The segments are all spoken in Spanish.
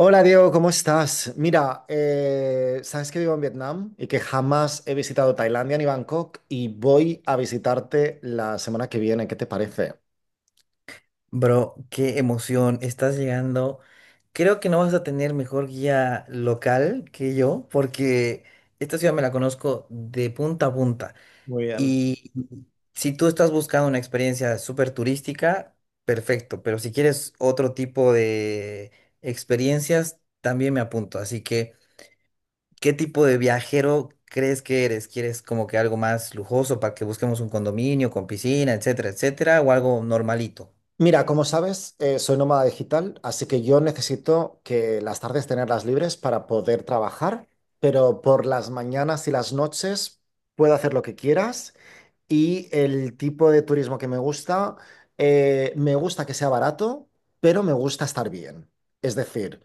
Hola Diego, ¿cómo estás? Mira, sabes que vivo en Vietnam y que jamás he visitado Tailandia ni Bangkok y voy a visitarte la semana que viene. ¿Qué te parece? Bro, qué emoción, estás llegando. Creo que no vas a tener mejor guía local que yo, porque esta ciudad me la conozco de punta a punta. Muy bien. Y si tú estás buscando una experiencia súper turística, perfecto, pero si quieres otro tipo de experiencias, también me apunto. Así que, ¿qué tipo de viajero crees que eres? ¿Quieres como que algo más lujoso para que busquemos un condominio con piscina, etcétera, etcétera, o algo normalito? Mira, como sabes, soy nómada digital, así que yo necesito que las tardes tenerlas libres para poder trabajar, pero por las mañanas y las noches puedo hacer lo que quieras y el tipo de turismo que me gusta que sea barato, pero me gusta estar bien. Es decir,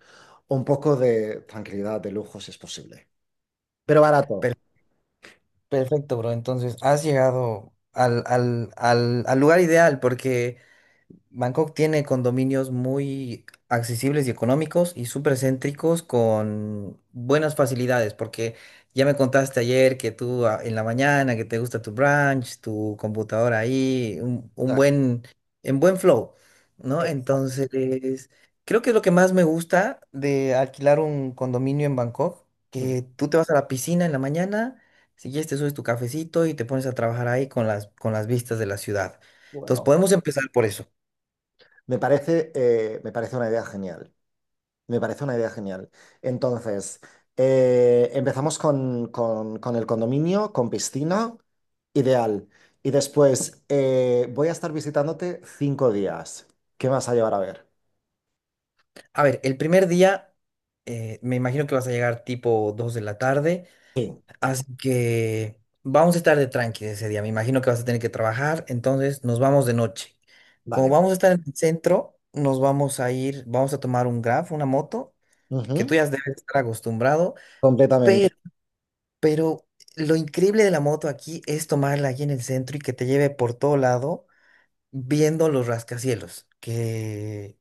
un poco de tranquilidad, de lujo, si es posible, pero barato. O Perfecto, bro. Entonces, has llegado al lugar ideal porque... Bangkok tiene condominios muy accesibles y económicos y súper céntricos con buenas facilidades, porque ya me contaste ayer que tú en la mañana, que te gusta tu brunch, tu computadora ahí, un sea, buen, en buen flow, ¿no? eh, Entonces, creo que es lo que más me gusta de alquilar un condominio en Bangkok, que tú te vas a la piscina en la mañana, si quieres te subes tu cafecito y te pones a trabajar ahí con las vistas de la ciudad. Entonces, bueno, podemos empezar por eso. Me parece una idea genial. Me parece una idea genial. Entonces, empezamos con el condominio, con piscina, ideal. Y después, voy a estar visitándote 5 días. ¿Qué me vas a llevar a ver? A ver, el primer día me imagino que vas a llegar tipo 2 de la tarde, Sí. así que vamos a estar de tranqui ese día. Me imagino que vas a tener que trabajar, entonces nos vamos de noche. Como Vale. vamos a estar en el centro, nos vamos a ir, vamos a tomar un Grab, una moto, Ujú. que tú ya debes estar acostumbrado, Completamente. pero, pero lo increíble de la moto aquí es tomarla aquí en el centro y que te lleve por todo lado viendo los rascacielos, que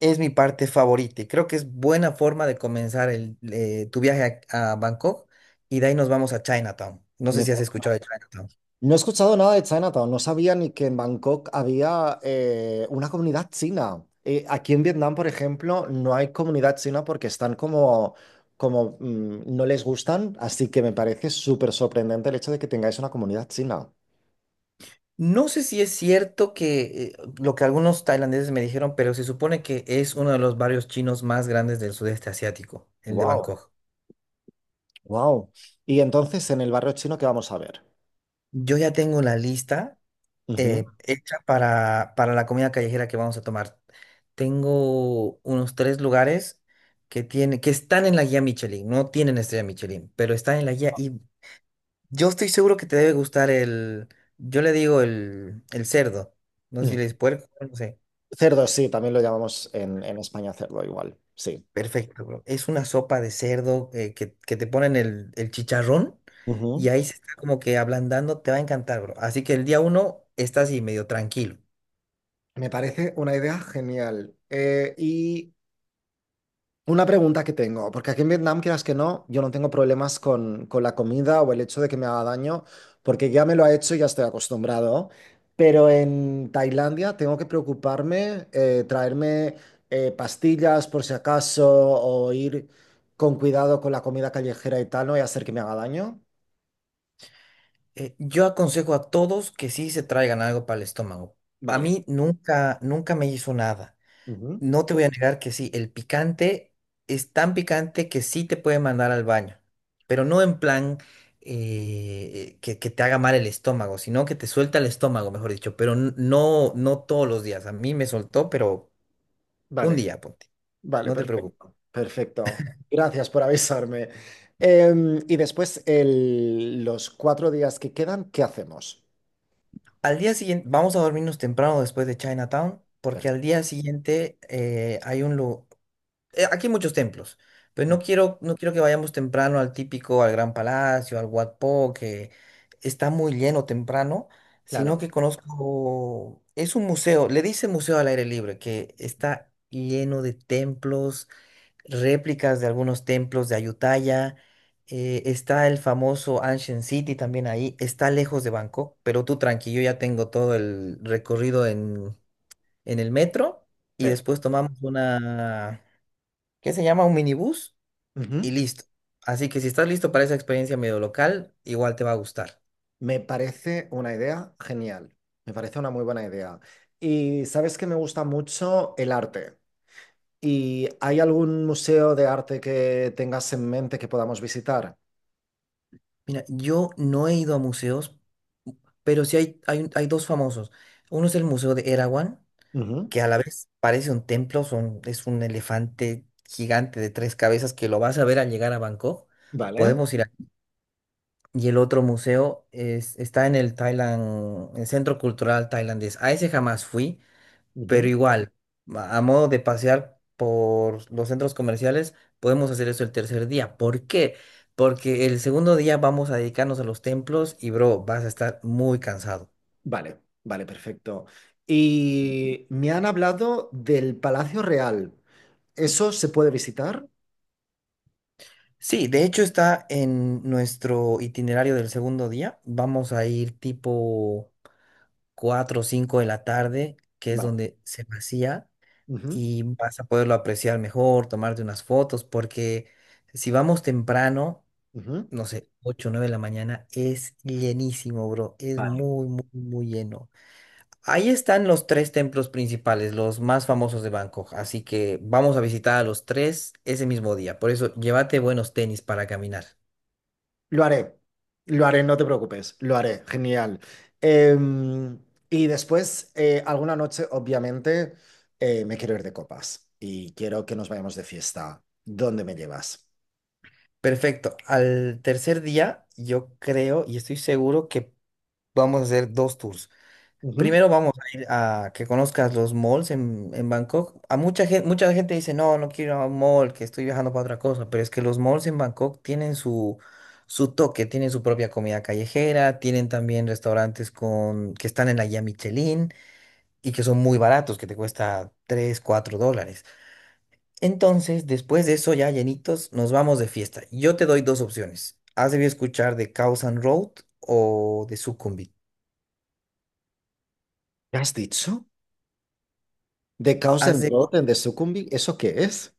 es mi parte favorita. Y creo que es buena forma de comenzar tu viaje a Bangkok y de ahí nos vamos a Chinatown. No sé Me si has escuchado de Chinatown. No he escuchado nada de Chinatown, no sabía ni que en Bangkok había una comunidad china. Aquí en Vietnam, por ejemplo, no hay comunidad china porque están como no les gustan, así que me parece súper sorprendente el hecho de que tengáis una comunidad china. No sé si es cierto que lo que algunos tailandeses me dijeron, pero se supone que es uno de los barrios chinos más grandes del sudeste asiático, el de Wow, Bangkok. wow. Y entonces, en el barrio chino, ¿qué vamos a ver? Yo ya tengo la lista Ujú, hecha para la comida callejera que vamos a tomar. Tengo unos tres lugares que están en la guía Michelin, no tienen estrella Michelin, pero están en la guía. Y yo estoy seguro que te debe gustar el, yo le digo el cerdo, no sé si ujú. le dices puerco, no sé. Cerdo, sí, también lo llamamos en España cerdo igual, sí. Perfecto, bro. Es una sopa de cerdo que te ponen el chicharrón Ujú. y ahí se está como que ablandando, te va a encantar, bro. Así que el día uno estás así medio tranquilo. Me parece una idea genial. Y una pregunta que tengo, porque aquí en Vietnam, quieras que no, yo no tengo problemas con la comida o el hecho de que me haga daño, porque ya me lo ha hecho y ya estoy acostumbrado. Pero en Tailandia tengo que preocuparme, traerme pastillas por si acaso, o ir con cuidado con la comida callejera y tal, no voy a hacer que me haga daño. Yo aconsejo a todos que sí se traigan algo para el estómago. A Vale. mí nunca, nunca me hizo nada. Ujú. No te voy a negar que sí, el picante es tan picante que sí te puede mandar al baño, pero no en plan que te haga mal el estómago, sino que te suelta el estómago, mejor dicho, pero no todos los días. A mí me soltó, pero un Vale, día, ponte, vale, no te preocupes. perfecto. Perfecto. Gracias por avisarme. Y después, los 4 días que quedan, ¿qué hacemos? Al día siguiente, vamos a dormirnos temprano después de Chinatown, Per- porque al día siguiente hay un lugar. Aquí hay muchos templos, pero mm, no quiero, no quiero que vayamos temprano al típico, al Gran Palacio, al Wat Po, que está muy lleno temprano, sino que Claro, conozco, es un museo, le dice museo al aire libre, que está lleno de templos, réplicas de algunos templos de Ayutthaya, está el famoso Ancient City también ahí, está lejos de Bangkok, pero tú tranquilo, ya tengo todo el recorrido en el metro y después perfecto. tomamos una que se llama un minibús y Ujú. listo. Así que si estás listo para esa experiencia medio local, igual te va a gustar. Me parece una idea genial. Me parece una muy buena idea. Y sabes que me gusta mucho el arte. ¿Y hay algún museo de arte que tengas en mente que podamos visitar? Mira, yo no he ido a museos, pero sí hay dos famosos. Uno es el Museo de Erawan, Ujú. que a la vez parece un templo, es un elefante gigante de tres cabezas que lo vas a ver al llegar a Bangkok. Vale. Podemos ir a... Y el otro museo es, está en el Thailand, el Centro Cultural Tailandés. A ese jamás fui. Pero Ujú. igual, a modo de pasear por los centros comerciales, podemos hacer eso el tercer día. ¿Por qué? Porque el segundo día vamos a dedicarnos a los templos y, bro, vas a estar muy cansado. Vale, vale, perfecto. Y me han hablado del Palacio Real. ¿Eso se puede visitar? Sí, de hecho está en nuestro itinerario del segundo día. Vamos a ir tipo 4 o 5 de la tarde, que es Vale. donde se vacía, Ujú. y vas a poderlo apreciar mejor, tomarte unas fotos, porque si vamos temprano Ujú. no sé, ocho o 9 de la mañana, es llenísimo, bro. Es Vale. muy, muy, muy lleno. Ahí están los tres templos principales, los más famosos de Bangkok. Así que vamos a visitar a los tres ese mismo día. Por eso, llévate buenos tenis para caminar. Lo haré, lo haré, no te preocupes, lo haré, genial. Em, y después, alguna noche, obviamente, me quiero ir de copas y quiero que nos vayamos de fiesta. ¿Dónde me llevas? Perfecto. Al tercer día, yo creo y estoy seguro que vamos a hacer dos tours. Ujú. Primero vamos a ir a que conozcas los malls en Bangkok. A mucha gente dice, no, no quiero ir a un mall, que estoy viajando para otra cosa, pero es que los malls en Bangkok tienen su toque, tienen su propia comida callejera, tienen también restaurantes que están en la guía Michelin y que son muy baratos, que te cuesta 3 4 dólares. Entonces, después de eso, ya llenitos, nos vamos de fiesta. Yo te doy dos opciones. Has debido escuchar de Khao San Road o de Sukhumvit. ¿Qué has dicho? ¿De Chaos and Road en The Succumbi? ¿Eso qué es?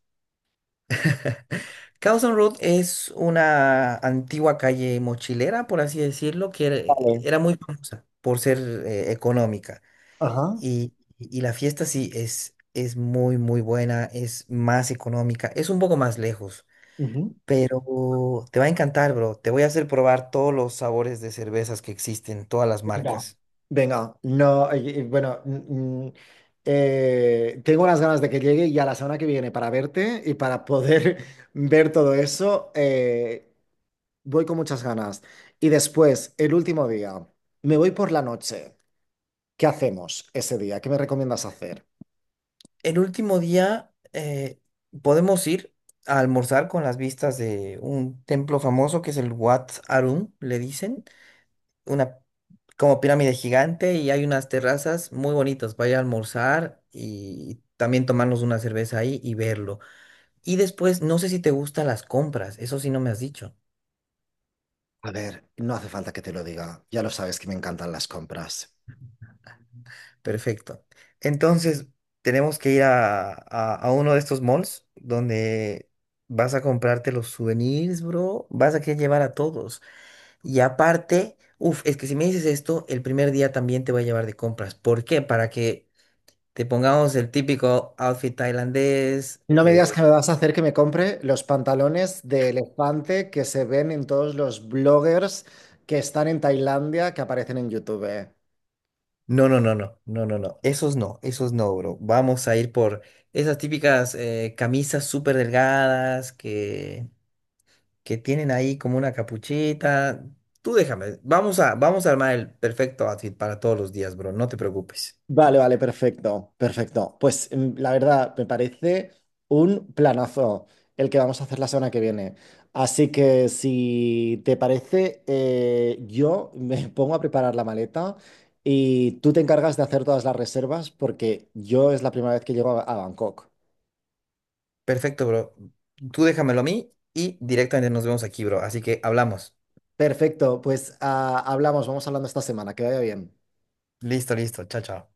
Carlson Road es una antigua calle mochilera, por así decirlo, que Vale. era muy famosa por ser económica. Ajá. Y, y la fiesta sí es muy, muy buena, es más económica, es un poco más lejos, Ujú. pero te va a encantar, bro. Te voy a hacer probar todos los sabores de cervezas que existen, todas las Venga. marcas. Venga, no, bueno, tengo unas ganas de que llegue ya la semana que viene para verte y para poder ver todo eso. Voy con muchas ganas. Y después, el último día, me voy por la noche. ¿Qué hacemos ese día? ¿Qué me recomiendas hacer? El último día podemos ir a almorzar con las vistas de un templo famoso que es el Wat Arun, le dicen. Una como pirámide gigante, y hay unas terrazas muy bonitas para ir a almorzar y también tomarnos una cerveza ahí y verlo. Y después, no sé si te gustan las compras, eso sí no me has dicho. A ver, no hace falta que te lo diga. Ya lo sabes que me encantan las compras. Perfecto. Entonces, tenemos que ir a uno de estos malls donde vas a comprarte los souvenirs, bro, vas a querer llevar a todos. Y aparte, uff, es que si me dices esto, el primer día también te voy a llevar de compras. ¿Por qué? Para que te pongamos el típico outfit tailandés. No me eh, digas que me vas a hacer que me compre los pantalones de elefante que se ven en todos los bloggers que están en Tailandia que aparecen en YouTube. no, no, no, no, no, no, no. Esos no, esos no, bro. Vamos a ir por esas típicas camisas súper delgadas que tienen ahí como una capuchita. Tú déjame, vamos a armar el perfecto outfit para todos los días, bro. No te preocupes. Vale, vale, perfecto, perfecto. Pues la verdad, me parece un planazo el que vamos a hacer la semana que viene. Así que si te parece, yo me pongo a preparar la maleta y tú te encargas de hacer todas las reservas porque yo es la primera vez que llego a Bangkok. Perfecto, bro. Tú déjamelo a mí y directamente nos vemos aquí, bro. Así que hablamos. Perfecto, pues ah, hablamos, vamos hablando esta semana, que vaya bien. Listo, listo. Chao, chao.